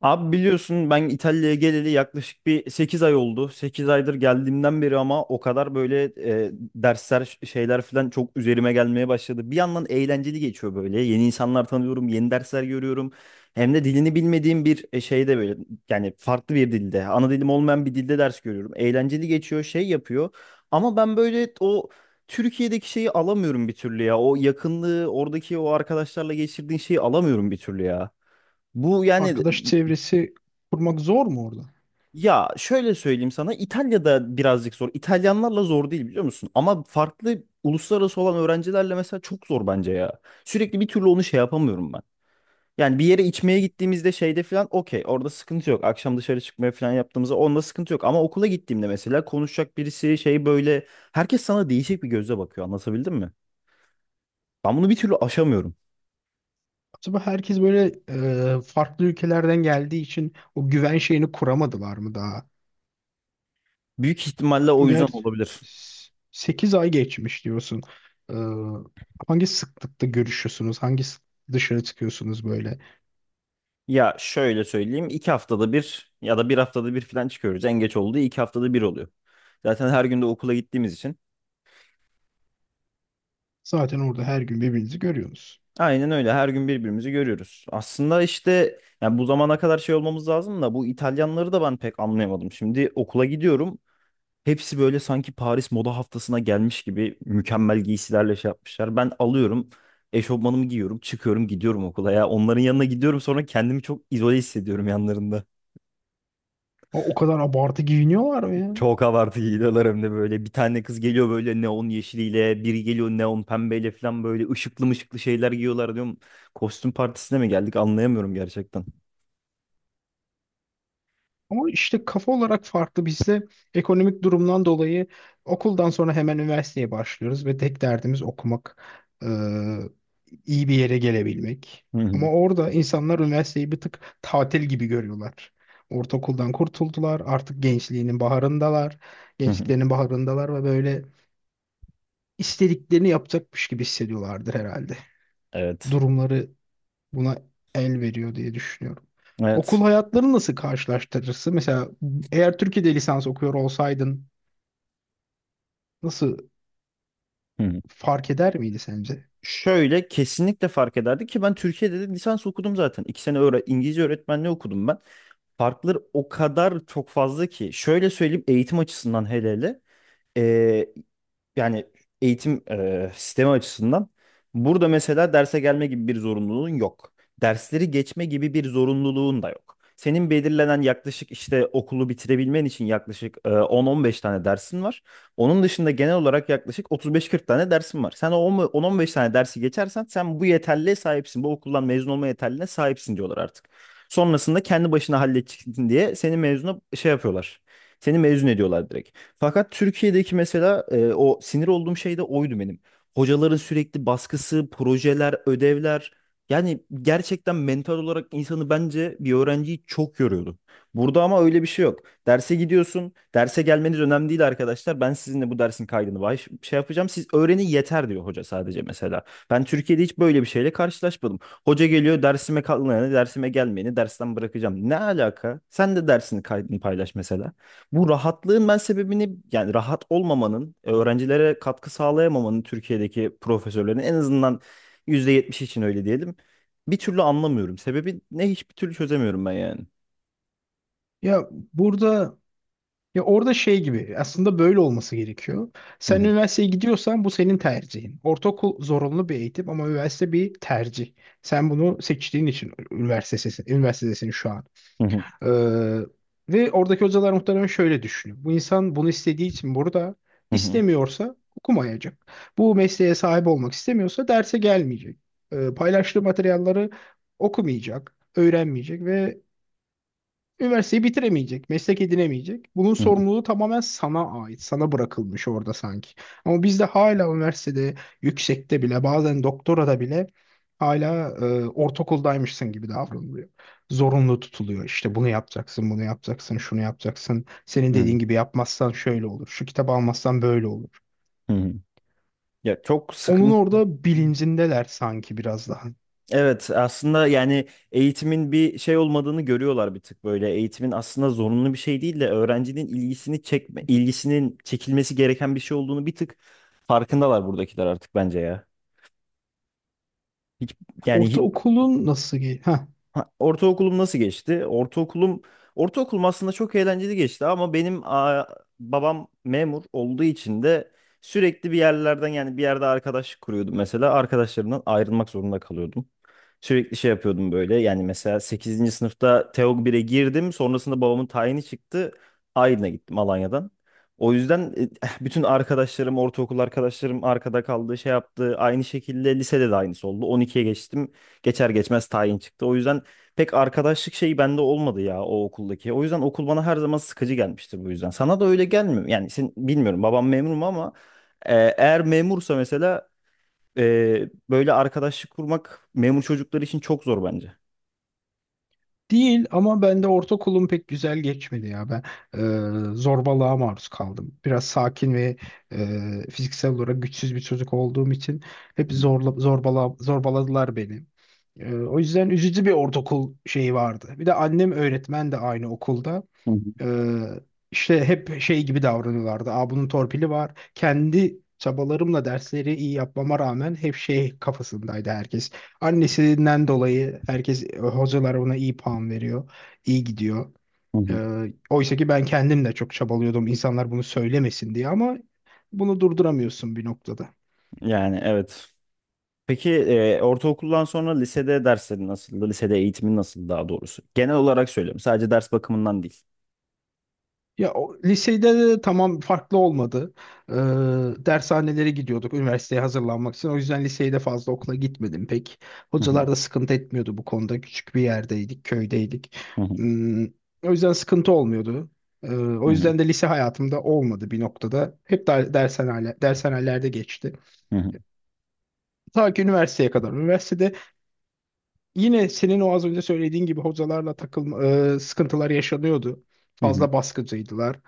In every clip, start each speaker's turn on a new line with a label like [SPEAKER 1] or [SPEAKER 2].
[SPEAKER 1] Abi biliyorsun ben İtalya'ya geleli yaklaşık bir 8 ay oldu. Sekiz aydır geldiğimden beri ama o kadar böyle dersler şeyler falan çok üzerime gelmeye başladı. Bir yandan eğlenceli geçiyor böyle. Yeni insanlar tanıyorum, yeni dersler görüyorum. Hem de dilini bilmediğim bir şeyde böyle yani farklı bir dilde, ana dilim olmayan bir dilde ders görüyorum. Eğlenceli geçiyor, şey yapıyor. Ama ben böyle o Türkiye'deki şeyi alamıyorum bir türlü ya. O yakınlığı, oradaki o arkadaşlarla geçirdiğin şeyi alamıyorum bir türlü ya. Bu yani.
[SPEAKER 2] Arkadaş çevresi kurmak zor mu orada?
[SPEAKER 1] Ya şöyle söyleyeyim sana, İtalya'da birazcık zor. İtalyanlarla zor değil, biliyor musun? Ama farklı uluslararası olan öğrencilerle mesela çok zor bence ya. Sürekli bir türlü onu şey yapamıyorum ben. Yani bir yere içmeye gittiğimizde şeyde falan okey, orada sıkıntı yok. Akşam dışarı çıkmaya falan yaptığımızda onda sıkıntı yok. Ama okula gittiğimde mesela konuşacak birisi şey böyle, herkes sana değişik bir gözle bakıyor, anlatabildim mi? Ben bunu bir türlü aşamıyorum.
[SPEAKER 2] Acaba herkes böyle farklı ülkelerden geldiği için o güven şeyini kuramadılar mı daha?
[SPEAKER 1] Büyük ihtimalle o yüzden
[SPEAKER 2] Ger
[SPEAKER 1] olabilir.
[SPEAKER 2] Sekiz ay geçmiş diyorsun. E, Hangi sıklıkta görüşüyorsunuz? Hangi sıklıkta dışarı çıkıyorsunuz böyle?
[SPEAKER 1] Ya şöyle söyleyeyim, iki haftada bir ya da bir haftada bir falan çıkıyoruz. En geç olduğu iki haftada bir oluyor. Zaten her gün de okula gittiğimiz için.
[SPEAKER 2] Zaten orada her gün birbirinizi görüyorsunuz.
[SPEAKER 1] Aynen öyle, her gün birbirimizi görüyoruz. Aslında işte yani bu zamana kadar şey olmamız lazım da bu İtalyanları da ben pek anlayamadım. Şimdi okula gidiyorum. Hepsi böyle sanki Paris moda haftasına gelmiş gibi mükemmel giysilerle şey yapmışlar. Ben alıyorum, eşofmanımı giyiyorum, çıkıyorum, gidiyorum okula ya. Onların yanına gidiyorum, sonra kendimi çok izole hissediyorum yanlarında.
[SPEAKER 2] O kadar abartı giyiniyorlar mı ya?
[SPEAKER 1] Çok abartı geliyorlar hem de böyle. Bir tane kız geliyor böyle neon yeşiliyle, biri geliyor neon pembeyle falan, böyle ışıklı mışıklı şeyler giyiyorlar diyorum. Kostüm partisine mi geldik, anlayamıyorum gerçekten.
[SPEAKER 2] Ama işte kafa olarak farklı. Bizde ekonomik durumdan dolayı okuldan sonra hemen üniversiteye başlıyoruz ve tek derdimiz okumak, e, iyi bir yere gelebilmek.
[SPEAKER 1] Hı
[SPEAKER 2] Ama
[SPEAKER 1] hı,
[SPEAKER 2] orada insanlar üniversiteyi bir tık tatil gibi görüyorlar. Ortaokuldan kurtuldular, artık gençliğinin baharındalar,
[SPEAKER 1] hı hı.
[SPEAKER 2] gençliklerinin baharındalar ve böyle istediklerini yapacakmış gibi hissediyorlardır herhalde.
[SPEAKER 1] Evet.
[SPEAKER 2] Durumları buna el veriyor diye düşünüyorum. Okul
[SPEAKER 1] Evet.
[SPEAKER 2] hayatlarını nasıl karşılaştırırsın? Mesela eğer Türkiye'de lisans okuyor olsaydın nasıl
[SPEAKER 1] Hı hı.
[SPEAKER 2] fark eder miydi sence?
[SPEAKER 1] Şöyle, kesinlikle fark ederdi ki ben Türkiye'de de lisans okudum zaten. İki sene İngilizce öğretmenliği okudum ben. Farkları o kadar çok fazla ki. Şöyle söyleyeyim, eğitim açısından hele hele, yani eğitim sistemi açısından burada mesela derse gelme gibi bir zorunluluğun yok. Dersleri geçme gibi bir zorunluluğun da yok. Senin belirlenen yaklaşık işte, okulu bitirebilmen için yaklaşık 10-15 tane dersin var. Onun dışında genel olarak yaklaşık 35-40 tane dersin var. Sen o 10-15 tane dersi geçersen sen bu yeterliğe sahipsin. Bu okuldan mezun olma yeterliğine sahipsin diyorlar artık. Sonrasında kendi başına halledeceksin diye seni mezuna şey yapıyorlar. Seni mezun ediyorlar direkt. Fakat Türkiye'deki mesela o sinir olduğum şey de oydu benim. Hocaların sürekli baskısı, projeler, ödevler. Yani gerçekten mental olarak insanı, bence bir öğrenciyi çok yoruyordu. Burada ama öyle bir şey yok. Derse gidiyorsun. Derse gelmeniz önemli değil arkadaşlar. Ben sizinle bu dersin kaydını şey yapacağım. Siz öğrenin yeter, diyor hoca sadece mesela. Ben Türkiye'de hiç böyle bir şeyle karşılaşmadım. Hoca geliyor, dersime kalmayanı, dersime gelmeyeni dersten bırakacağım. Ne alaka? Sen de dersini, kaydını paylaş mesela. Bu rahatlığın ben sebebini, yani rahat olmamanın, öğrencilere katkı sağlayamamanın Türkiye'deki profesörlerin en azından %70 için öyle diyelim. Bir türlü anlamıyorum. Sebebi ne, hiçbir türlü çözemiyorum ben yani.
[SPEAKER 2] Ya burada, ya orada şey gibi, aslında böyle olması gerekiyor.
[SPEAKER 1] Hı
[SPEAKER 2] Sen
[SPEAKER 1] hı,
[SPEAKER 2] üniversiteye gidiyorsan bu senin tercihin. Ortaokul zorunlu bir eğitim ama üniversite bir tercih. Sen bunu seçtiğin için üniversitedesin şu an.
[SPEAKER 1] hı hı,
[SPEAKER 2] Ee, Ve oradaki hocalar muhtemelen şöyle düşünüyor: bu insan bunu istediği için burada,
[SPEAKER 1] hı hı,
[SPEAKER 2] istemiyorsa okumayacak. Bu mesleğe sahip olmak istemiyorsa derse gelmeyecek. Paylaştığı materyalleri okumayacak, öğrenmeyecek ve üniversiteyi bitiremeyecek, meslek edinemeyecek. Bunun
[SPEAKER 1] hı hı,
[SPEAKER 2] sorumluluğu tamamen sana ait, sana bırakılmış orada sanki. Ama bizde hala üniversitede, yüksekte bile, bazen doktorada bile hala ortaokuldaymışsın gibi davranılıyor. Zorunlu tutuluyor. İşte bunu yapacaksın, bunu yapacaksın, şunu yapacaksın. Senin
[SPEAKER 1] hı hı,
[SPEAKER 2] dediğin gibi yapmazsan şöyle olur, şu kitabı almazsan böyle olur.
[SPEAKER 1] hı hı. Ya çok
[SPEAKER 2] Onun
[SPEAKER 1] sıkıntı.
[SPEAKER 2] orada bilincindeler sanki biraz daha.
[SPEAKER 1] Evet, aslında yani eğitimin bir şey olmadığını görüyorlar bir tık böyle. Eğitimin aslında zorunlu bir şey değil de öğrencinin ilgisini çekme, ilgisinin çekilmesi gereken bir şey olduğunu bir tık farkındalar buradakiler artık bence ya. Hiç, yani hi-
[SPEAKER 2] Ortaokulun nasıl? Heh.
[SPEAKER 1] Ha, ortaokulum nasıl geçti? Ortaokulum aslında çok eğlenceli geçti ama benim babam memur olduğu için de sürekli bir yerlerden, yani bir yerde arkadaşlık kuruyordum mesela, arkadaşlarımdan ayrılmak zorunda kalıyordum. Sürekli şey yapıyordum böyle yani, mesela sekizinci sınıfta TEOG 1'e girdim, sonrasında babamın tayini çıktı, Aydın'a gittim Alanya'dan. O yüzden bütün arkadaşlarım, ortaokul arkadaşlarım arkada kaldı şey yaptı, aynı şekilde lisede de aynısı oldu, on ikiye geçtim, geçer geçmez tayin çıktı. O yüzden pek arkadaşlık şeyi bende olmadı ya, o okuldaki. O yüzden okul bana her zaman sıkıcı gelmiştir bu yüzden. Sana da öyle gelmiyor. Yani sen, bilmiyorum, babam memur mu ama eğer memursa mesela, böyle arkadaşlık kurmak memur çocukları için çok zor bence.
[SPEAKER 2] Değil, ama ben de ortaokulum pek güzel geçmedi ya. Ben zorbalığa maruz kaldım. Biraz sakin ve fiziksel olarak güçsüz bir çocuk olduğum için hep zorbaladılar beni. E, o yüzden üzücü bir ortaokul şeyi vardı. Bir de annem öğretmen de aynı okulda.
[SPEAKER 1] Hı hı,
[SPEAKER 2] Ee, işte hep şey gibi davranıyorlardı. Aa, bunun torpili var. Kendi çabalarımla dersleri iyi yapmama rağmen hep şey kafasındaydı herkes. Annesinden dolayı herkes, hocalar ona iyi puan veriyor, iyi gidiyor.
[SPEAKER 1] hı hı.
[SPEAKER 2] Oysa ki ben kendim de çok çabalıyordum insanlar bunu söylemesin diye, ama bunu durduramıyorsun bir noktada.
[SPEAKER 1] Yani evet. Peki ortaokuldan sonra lisede derslerin nasıldı? Lisede eğitimin nasıldı daha doğrusu? Genel olarak söylüyorum. Sadece ders bakımından değil.
[SPEAKER 2] Ya, o lisede de tamam farklı olmadı. Ee, Dershanelere gidiyorduk üniversiteye hazırlanmak için. O yüzden liseyi de fazla okula gitmedim pek.
[SPEAKER 1] Hı hı,
[SPEAKER 2] Hocalar da sıkıntı etmiyordu bu konuda. Küçük bir yerdeydik, köydeydik.
[SPEAKER 1] hı hı,
[SPEAKER 2] Hmm, o yüzden sıkıntı olmuyordu. O
[SPEAKER 1] hı hı,
[SPEAKER 2] yüzden de lise hayatımda olmadı bir noktada. Hep dershanelerde geçti.
[SPEAKER 1] hı hı,
[SPEAKER 2] Ta ki üniversiteye kadar. Üniversitede yine senin o az önce söylediğin gibi hocalarla takılma, sıkıntılar yaşanıyordu.
[SPEAKER 1] hı hı,
[SPEAKER 2] Fazla baskıcıydılar.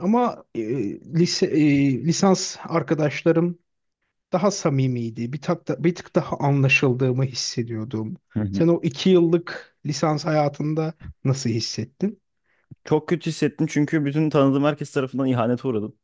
[SPEAKER 2] Ama lisans arkadaşlarım daha samimiydi. Bir tık daha anlaşıldığımı hissediyordum.
[SPEAKER 1] hı hı.
[SPEAKER 2] Sen o iki yıllık lisans hayatında nasıl hissettin?
[SPEAKER 1] Çok kötü hissettim, çünkü bütün tanıdığım herkes tarafından ihanete uğradım.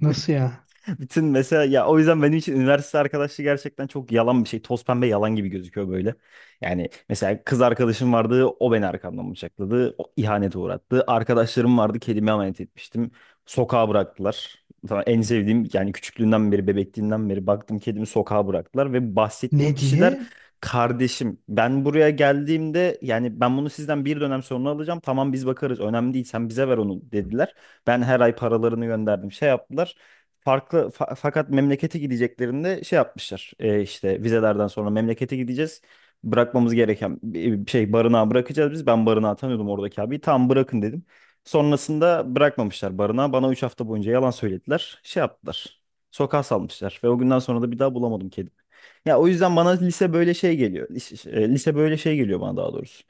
[SPEAKER 2] Nasıl ya?
[SPEAKER 1] Bütün mesela ya, o yüzden benim için üniversite arkadaşlığı gerçekten çok yalan bir şey. Toz pembe yalan gibi gözüküyor böyle. Yani mesela kız arkadaşım vardı, o beni arkamdan bıçakladı. O ihanete uğrattı. Arkadaşlarım vardı, kedime emanet etmiştim. Sokağa bıraktılar. Tamam, en sevdiğim, yani küçüklüğünden beri, bebekliğinden beri baktım kedimi, sokağa bıraktılar. Ve bahsettiğim
[SPEAKER 2] Ne
[SPEAKER 1] kişiler,
[SPEAKER 2] diye?
[SPEAKER 1] kardeşim, ben buraya geldiğimde yani ben bunu sizden bir dönem sonra alacağım. Tamam biz bakarız, önemli değil, sen bize ver onu, dediler. Ben her ay paralarını gönderdim, şey yaptılar farklı fakat memlekete gideceklerinde şey yapmışlar. E, işte vizelerden sonra memlekete gideceğiz. Bırakmamız gereken bir şey, barınağa bırakacağız biz. Ben barınağı tanıyordum, oradaki abi. Tam bırakın, dedim. Sonrasında bırakmamışlar barınağı. Bana 3 hafta boyunca yalan söylediler. Şey yaptılar. Sokağa salmışlar ve o günden sonra da bir daha bulamadım kedimi. Ya o yüzden bana lise böyle şey geliyor. Lise, lise böyle şey geliyor bana daha doğrusu,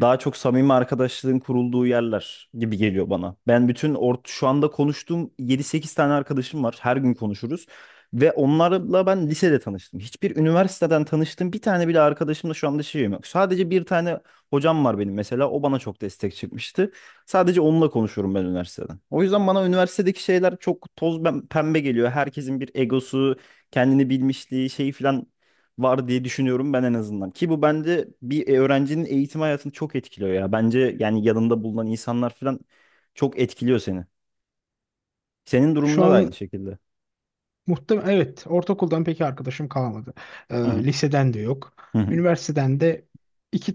[SPEAKER 1] daha çok samimi arkadaşlığın kurulduğu yerler gibi geliyor bana. Ben bütün ort şu anda konuştuğum yedi sekiz tane arkadaşım var. Her gün konuşuruz. Ve onlarla ben lisede tanıştım. Hiçbir üniversiteden tanıştığım bir tane bile arkadaşımla şu anda şeyim yok. Sadece bir tane hocam var benim mesela. O bana çok destek çıkmıştı. Sadece onunla konuşuyorum ben üniversiteden. O yüzden bana üniversitedeki şeyler çok toz pembe geliyor. Herkesin bir egosu, kendini bilmişliği, şeyi falan var diye düşünüyorum ben en azından. Ki bu bence bir öğrencinin eğitim hayatını çok etkiliyor ya. Bence yani yanında bulunan insanlar falan çok etkiliyor seni. Senin
[SPEAKER 2] Şu
[SPEAKER 1] durumunda da
[SPEAKER 2] an
[SPEAKER 1] aynı şekilde.
[SPEAKER 2] muhtemelen evet, ortaokuldan pek arkadaşım kalmadı. Ee,
[SPEAKER 1] Hı hı.
[SPEAKER 2] liseden de yok.
[SPEAKER 1] Hı hı.
[SPEAKER 2] Üniversiteden de iki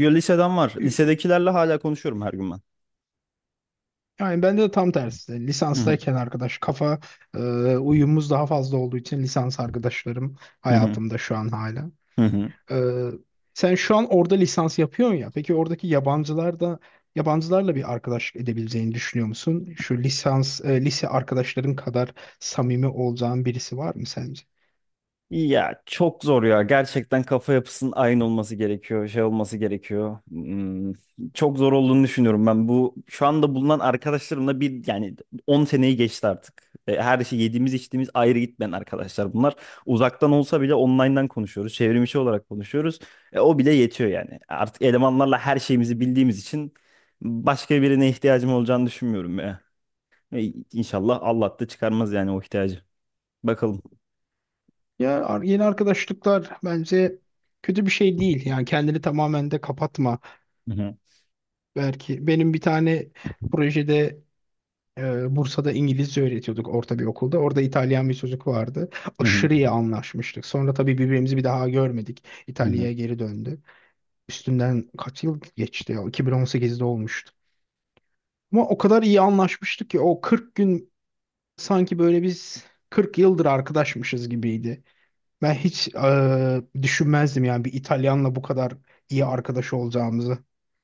[SPEAKER 1] Yo, liseden var.
[SPEAKER 2] Ü-
[SPEAKER 1] Lisedekilerle hala konuşuyorum her gün ben.
[SPEAKER 2] Yani bende de tam tersi.
[SPEAKER 1] Hı hı.
[SPEAKER 2] Lisanstayken arkadaş e, uyumumuz daha fazla olduğu için lisans arkadaşlarım
[SPEAKER 1] Hı hı.
[SPEAKER 2] hayatımda şu an hala.
[SPEAKER 1] Hı hı.
[SPEAKER 2] Ee, Sen şu an orada lisans yapıyorsun ya. Peki oradaki yabancılar da yabancılarla bir arkadaşlık edebileceğini düşünüyor musun? Şu lise arkadaşların kadar samimi olacağın birisi var mı sence?
[SPEAKER 1] Ya çok zor ya. Gerçekten kafa yapısının aynı olması gerekiyor. Şey olması gerekiyor. Hmm, çok zor olduğunu düşünüyorum ben. Bu şu anda bulunan arkadaşlarımla bir, yani 10 seneyi geçti artık. Her şey yediğimiz içtiğimiz ayrı gitmeyen arkadaşlar bunlar. Uzaktan olsa bile online'dan konuşuyoruz. Çevrimiçi olarak konuşuyoruz. O bile yetiyor yani. Artık elemanlarla her şeyimizi bildiğimiz için başka birine ihtiyacım olacağını düşünmüyorum ya. E, İnşallah Allah da çıkarmaz yani o ihtiyacı. Bakalım.
[SPEAKER 2] Yeni arkadaşlıklar bence kötü bir şey değil. Yani kendini tamamen de kapatma.
[SPEAKER 1] Hı hı,
[SPEAKER 2] Belki benim bir tane projede, Bursa'da İngilizce öğretiyorduk orta bir okulda. Orada İtalyan bir çocuk vardı.
[SPEAKER 1] hı hı,
[SPEAKER 2] Aşırı iyi anlaşmıştık. Sonra tabii birbirimizi bir daha görmedik.
[SPEAKER 1] hı hı.
[SPEAKER 2] İtalya'ya geri döndü. Üstünden kaç yıl geçti ya? 2018'de olmuştu. Ama o kadar iyi anlaşmıştık ki o 40 gün sanki böyle biz 40 yıldır arkadaşmışız gibiydi. Ben hiç düşünmezdim yani bir İtalyanla bu kadar iyi arkadaş olacağımızı.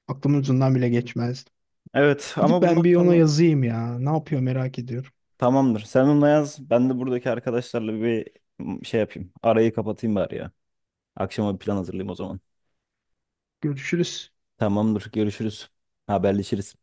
[SPEAKER 2] Aklımın ucundan bile geçmezdi.
[SPEAKER 1] Evet,
[SPEAKER 2] Gidip
[SPEAKER 1] ama bundan
[SPEAKER 2] ben bir ona
[SPEAKER 1] sonra
[SPEAKER 2] yazayım ya. Ne yapıyor merak ediyorum.
[SPEAKER 1] tamamdır. Sen onunla yaz. Ben de buradaki arkadaşlarla bir şey yapayım. Arayı kapatayım bari ya. Akşama bir plan hazırlayayım o zaman.
[SPEAKER 2] Görüşürüz.
[SPEAKER 1] Tamamdır. Görüşürüz. Haberleşiriz.